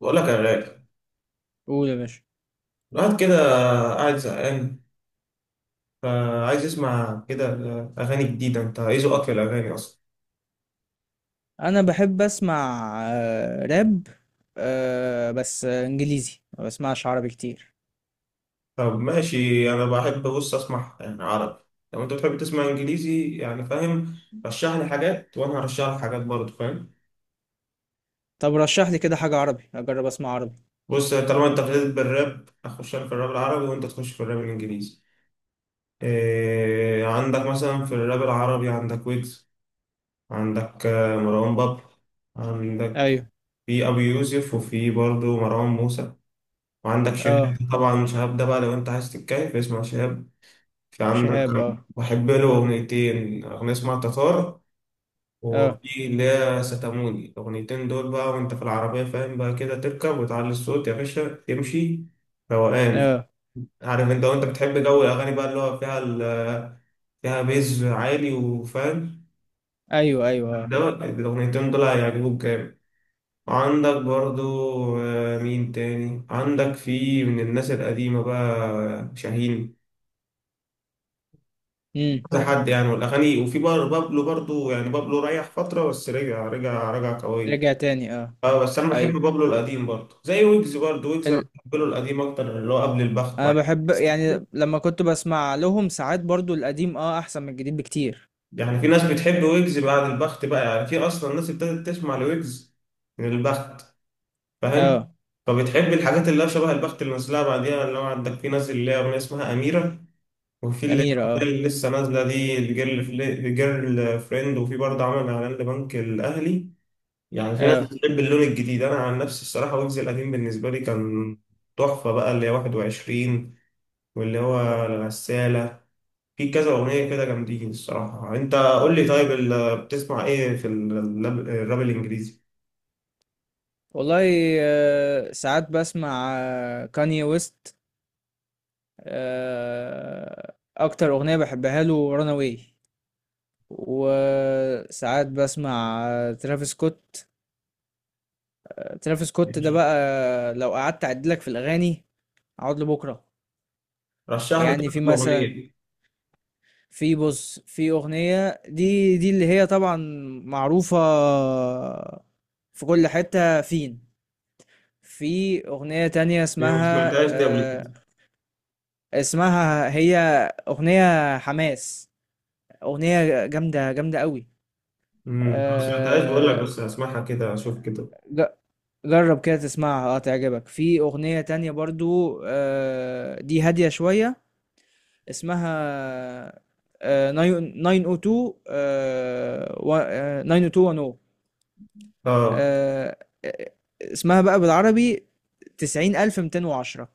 بقول لك يا غالي، قول يا باشا. الواحد كده قاعد زهقان، فعايز يسمع كده أغاني جديدة. أنت إيه ذوقك في الأغاني أصلا؟ انا بحب اسمع راب. بس انجليزي، ما بسمعش عربي كتير. طب ماشي، أنا بحب بص أسمع يعني عربي، لو أنت بتحب تسمع إنجليزي يعني فاهم، رشح لي حاجات وأنا هرشح لك حاجات برضه فاهم. طب رشح لي كده حاجة عربي، اجرب اسمع عربي. بص طالما أنت ابتديت بالراب، أخش أنا في الراب العربي وأنت تخش في الراب الإنجليزي. إيه عندك مثلا في الراب العربي؟ عندك ويجز، عندك مروان بابلو، عندك ايوه. في أبي يوسف، وفي برضه مروان موسى، وعندك شهاب. اه. طبعا شهاب ده بقى لو انت عايز تتكيف اسمع شهاب. في عندك شهاب، اه. بحب له اغنيتين، اغنية اسمها تتار، اه. وفي اللي هي ستاموني. الاغنيتين دول بقى، وانت في العربية فاهم بقى كده، تركب وتعلي الصوت يا باشا تمشي روقان. اه. عارف انت وانت بتحب جو الاغاني بقى اللي هو فيها فيها بيز عالي وفاهم، ايوه، ايوه، اه. ده الاغنيتين دول هيعجبوك جامد. عندك برضو مين تاني عندك في من الناس القديمة بقى؟ شاهين، امم. كذا حد يعني، والاغاني. وفي بار بابلو برضو، يعني بابلو ريح فتره بس رجع، رجع رجع قوي. رجع تاني، اه. اه بس انا بحب ايوه. بابلو القديم برضو، زي ويجز برضو، ويجز انا ال... بحب له القديم اكتر، اللي هو قبل البخت انا بعد بحب يعني لما كنت بسمع لهم ساعات برضو القديم احسن من الجديد بكتير. يعني في ناس بتحب ويجز بعد البخت بقى، يعني في اصلا ناس ابتدت تسمع لويجز من البخت اه. فاهم، فبتحب الحاجات اللي هي شبه البخت اللي نزلها بعديها. اللي هو عندك في ناس اللي هي اغنيه اسمها اميره، وفي اللي هي اميرة، اه. اللي لسه نازله دي الجيرل، الجيرل فريند. وفي برضه عمل اعلان لبنك الاهلي. يعني في ناس اه. بتحب اللون الجديد، انا عن نفسي الصراحه ويجز القديم بالنسبه لي كان تحفه بقى، اللي هي 21 واللي هو الغساله، في كذا اغنيه كده جامدين الصراحه. انت قول لي طيب، بتسمع ايه في الراب الانجليزي؟ والله، ساعات بسمع كاني ويست. اكتر اغنيه بحبها له رانا واي. وساعات بسمع ترافيس سكوت. ترافيس سكوت ده ماشي. بقى لو قعدت اعد لك في الاغاني، اقعد لبكره. رشح لي كده يعني في كام اغنيه مثلا، دي، في، بص، في اغنيه دي اللي هي طبعا معروفه، في كل حته فين. في اغنيه تانية ما سمعتهاش دي قبل آه، كده. اسمها هي اغنيه حماس، اغنيه جامده جامده قوي. ما سمعتهاش بقول لك، آه، بس هسمعها كده اشوف كده. ج- جرب كده تسمعها، تعجبك. في اغنية تانية برضو، دي هادية شوية، اسمها 902 90210. اه، آه، آه، اسمها بقى بالعربي 90210.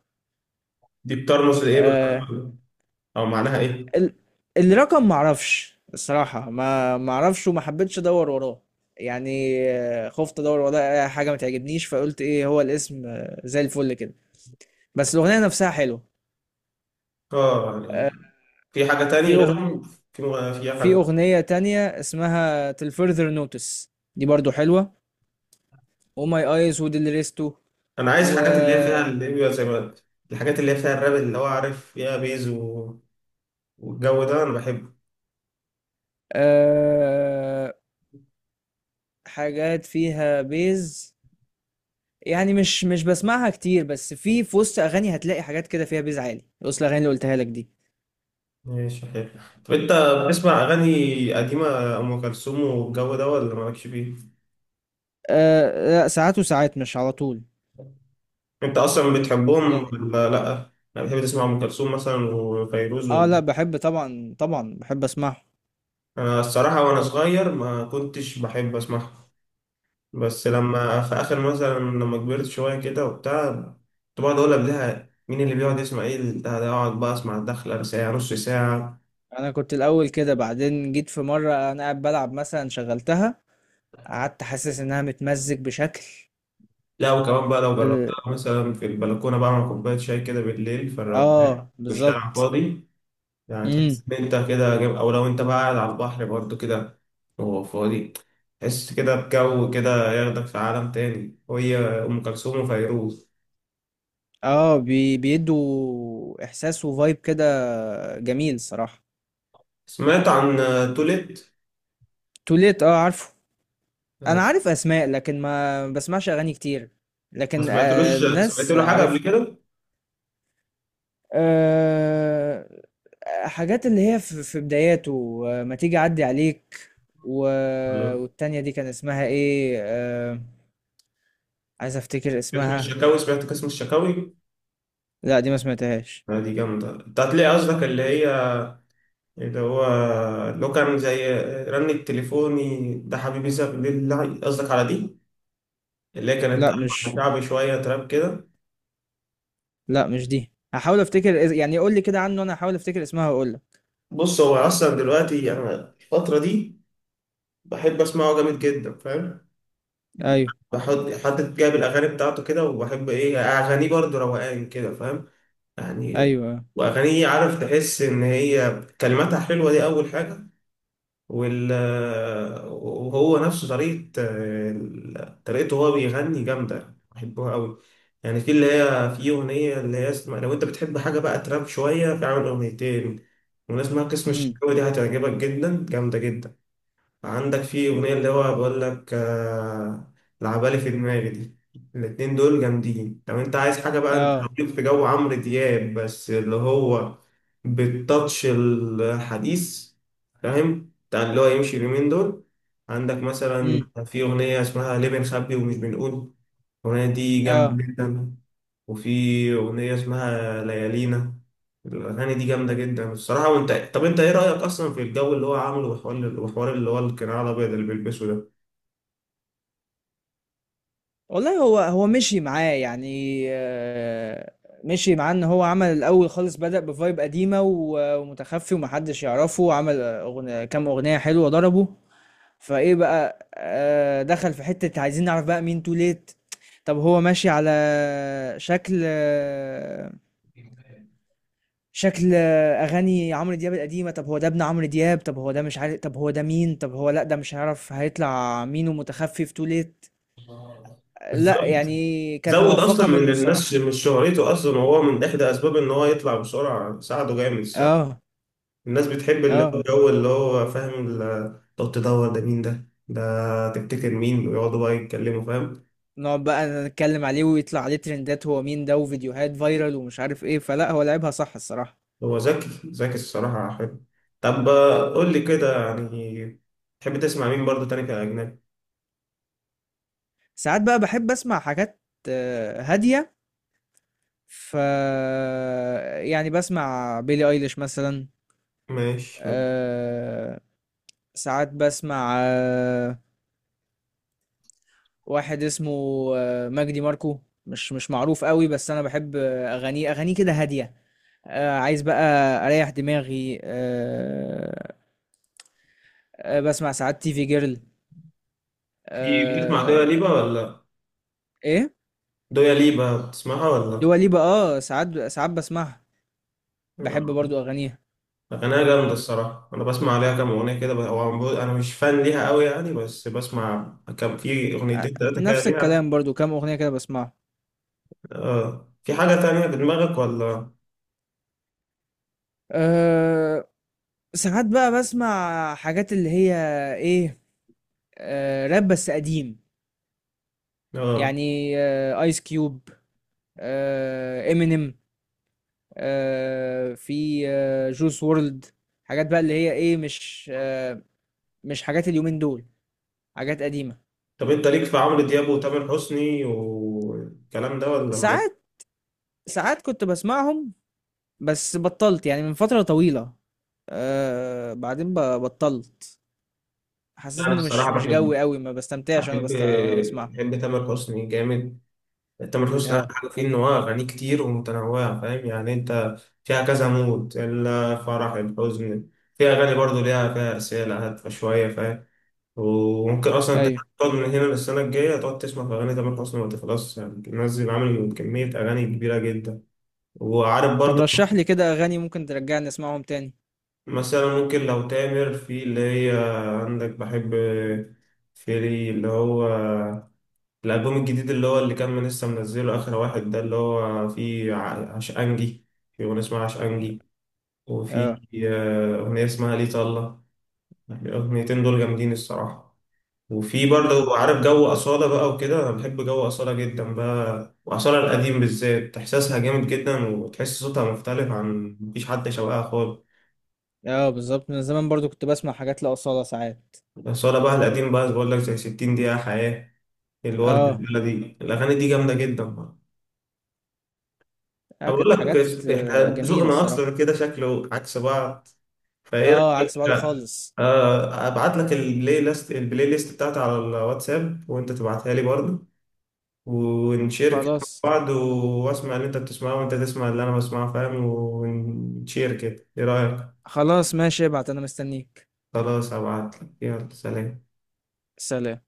دي بترمز لايه بقى آه، او معناها ايه؟ ال- الرقم معرفش الصراحة، ما معرفش وما حبيتش ادور وراه. يعني خفت ادور وراه حاجة ما تعجبنيش، فقلت ايه هو الاسم، زي الفل كده. بس الأغنية نفسها حلوة. اه يعني آه، في حاجه تاني في أغنية غيرهم؟ في في في حاجه؟ أغنية تانية اسمها Till Further Notice، دي برضو حلوة. Oh My Eyes وديل ريستو. انا عايز و حاجات اللي هي فيها اللي هي زي ما قلت، الحاجات اللي هي فيها الراب اللي هو عارف فيها بيز والجو ده انا بحبه. آه، حاجات فيها بيز، يعني مش بسمعها كتير، بس في وسط أغاني هتلاقي حاجات كده فيها بيز عالي وسط الأغاني اللي قلتها لك دي. ماشي حلو. طب انت بتسمع اغاني قديمه، ام كلثوم والجو ده ولا مالكش فيه؟ لا، ساعات وساعات، مش على طول. انت اصلا بتحبهم يعني ولا لا؟ انا بحب اسمع ام كلثوم مثلا وفيروز اه، و... لا، بحب طبعا طبعا، بحب اسمعه. انا الصراحه وانا صغير ما كنتش بحب اسمعها، بس لما في اخر مثلا لما كبرت شويه كده وبتاع، كنت بقعد اقول قبلها مين اللي بيقعد يسمع ايه ده ده اقعد بقى اسمع الدخله ساعه نص ساعه. انا كنت الاول كده، بعدين جيت في مره انا قاعد بلعب مثلا، شغلتها قعدت حاسس انها متمزج بشكل. لا وكمان بقى لو جربتها اه، مثلا في البلكونة، بعمل كوباية شاي كده بالليل في الروقان والشارع بالظبط. فاضي، يعني امم. تحس إن أنت كده أو لو أنت بقى قاعد على البحر برضو كده وهو فاضي، تحس كده بجو كده ياخدك في عالم تاني، وهي أم كلثوم وفيروز. اه، بيدوا احساس وفايب كده، جميل صراحة. سمعت عن توليت؟ توليت، اه، عارفه. انا آه، عارف اسماء لكن ما بسمعش اغاني كتير، ما لكن سمعتلوش، سمعت الناس له حاجة قبل عارفه. كده؟ آه حاجات اللي هي في بداياته، ما تيجي اعدي عليك و... آه. والتانية دي كان اسمها ايه عايز افتكر قسم اسمها. الشكاوي، سمعت قسم الشكاوي؟ لا، دي ما سمعتهاش. دي جامدة. أنت هتلاقي قصدك اللي هي اللي هو لو كان زي رن التليفوني ده حبيبي ساب لله، قصدك على دي اللي هي كانت لا ألحان مش. شعبي شوية تراب كده. لأ مش دي، هاحاول أفتكر يعني قُل لي كده عنه وأنا هاحاول أفتكر اسمها وأقول لك. بص هو أصلا دلوقتي أنا الفترة دي بحب أسمعه جامد جدا فاهم، أيوه. بحط حد جايب الأغاني بتاعته كده، وبحب إيه أغانيه برضه روقان كده فاهم يعني، أيوه. وأغانيه عارف تحس إن هي كلماتها حلوة دي أول حاجة، وال وهو نفسه طريقة، طريقته وهو بيغني جامدة بحبها قوي. يعني في اللي هي في أغنية اللي هي اسمها لو أنت بتحب حاجة بقى تراب شوية، في عامل أغنيتين وناس اسمها قسم إمم. الشكاوي، دي هتعجبك جدا جامدة جدا. عندك في أغنية اللي هو بقول لك العبالي في دماغي دي، الاتنين دول جامدين. لو انت عايز حاجة بقى، انت آه، ليك في جو عمرو دياب بس اللي هو بالتاتش الحديث فاهم، بتاع اللي هو يمشي اليومين دول، عندك مثلا إمم. في أغنية اسمها ليه بنخبي ومش بنقول، الأغنية دي آه. جامدة جدا. وفي أغنية اسمها ليالينا. الأغاني دي جامدة جدا الصراحة. وأنت طب أنت إيه رأيك أصلا في الجو اللي هو عامله، وحوار وحوار اللي هو القناع الأبيض اللي بيلبسه ده؟ والله هو مشي معاه، يعني مشي معاه إن هو عمل الأول خالص، بدأ بvibe قديمة و ومُتخفّي وما حدّش يعرفه، عمل كام أغنية حلوة ضربوا، فإيه بقى، دخل في حتّة عايزين نعرف بقى مين too late. طب هو ماشي على شكل آه، شكل اغاني عمرو دياب القديمه. طب هو ده ابن عمرو دياب؟ طب هو ده مش عارف. طب هو ده مين؟ طب هو، لا، ده مش هيعرف هيطلع مين، ومتخفي في ليت. لا بالظبط، يعني كانت زود أصلا موفقه من منه الناس الصراحه. مش شهرته أصلا، وهو من إحدى أسباب إن هو يطلع بسرعة ساعده جامد الصراحة. اه. الناس بتحب اللي هو اه، الجو اللي هو فاهم تقعد تدور ده مين ده؟ ده تفتكر مين؟ ويقعدوا بقى يتكلموا فاهم. نقعد بقى نتكلم عليه ويطلع عليه ترندات هو مين ده، وفيديوهات فايرال ومش عارف ايه، فلا، هو لعبها صح الصراحه. هو ذكي ذكي الصراحة، حلو. طب قول لي كده يعني، تحب تسمع مين برضو تاني كأجنبي؟ ساعات بقى بحب اسمع حاجات هاديه، ف يعني بسمع بيلي ايليش مثلا. ماشي حلو. آه، ساعات بسمع واحد اسمه مجدي ماركو، مش معروف قوي بس انا بحب اغانيه كده هاديه، عايز بقى اريح دماغي. بسمع ساعات تي في جيرل. في بتسمع دويا آه، ليبا ولا، ايه، دويا ليبا بتسمعها ولا؟ دوا ليبا، اه، ساعات ساعات بسمعها، بحب آه، برضو اغانيها. أغانيها جامدة الصراحة، أنا بسمع عليها كام أغنية كده، أنا مش فان ليها أوي يعني، بس بسمع كام في أغنيتين تلاتة كده نفس ليها. الكلام، برضو كام اغنيه كده بسمعها. آه في حاجة تانية في دماغك ولا؟ أه، ساعات بقى بسمع حاجات اللي هي ايه، راب بس قديم، آه. يعني ايس كيوب، امينيم، في جوس وورلد. حاجات بقى اللي هي ايه مش حاجات اليومين دول، حاجات قديمة. طب أنت ليك في عمرو دياب وتامر حسني والكلام ده ولا مالك؟ ساعات، ساعات كنت بسمعهم بس بطلت يعني من فترة طويلة. بعدين بطلت، حسيت أنا ان الصراحة مش بحب، جوي قوي، ما بستمتعش وانا بحب وانا بسمعها. بحب تامر حسني جامد. تامر حسني أحلى اه. حاجة فيه إن هو أغانيه كتير ومتنوعة فاهم يعني، أنت فيها كذا مود، الفرح الحزن، في أغاني برضه ليها فيها رسالة هادفة شوية فاهم، وممكن أصلا أنت ايوه. تقعد من هنا للسنة الجاية تقعد تسمع في أغاني تامر حسني ما تخلصش، يعني منزل عامل كمية أغاني كبيرة جدا وعارف طب برضه. رشح لي كده اغاني ممكن ترجعني اسمعهم تاني. مثلا ممكن لو تامر في اللي هي عندك بحب، في اللي هو الألبوم الجديد اللي هو اللي كان من لسه منزله آخر واحد ده، اللي هو فيه عشقانجي، في أغنية اسمها عشقانجي، اه. وفي أغنية اسمها ليه طلة، الأغنيتين دول جامدين الصراحة. وفي برضه امم. عارف جو أصالة بقى وكده، أنا بحب جو أصالة جدا بقى، وأصالة القديم بالذات إحساسها جامد جدا، وتحس صوتها مختلف عن، مفيش حد شبهها خالص. اه، بالظبط، من زمان برضو كنت بسمع حاجات لأصالة ساعات. أصالة بقى القديم بقى بقول لك زي 60 دقيقة حياة، الورد اه. البلدي، الأغاني دي جامدة جدا. اه، أنا بقول كانت حاجات لك احنا جميلة ذوقنا الصراحة. اصلا كده شكله عكس بعض، فايه اه، رايك عكس بعض بقى؟ خالص. ابعت لك البلاي ليست، البلاي ليست بتاعتي على الواتساب وانت تبعتها لي برضه، ونشير كده مع خلاص. بعض، واسمع اللي انت بتسمعه وانت تسمع اللي انا بسمعه فاهم، ونشير كده ايه رايك؟ خلاص ماشي، ابعت انا مستنيك. خلاص هبعت لك، يلا سلام. سلام.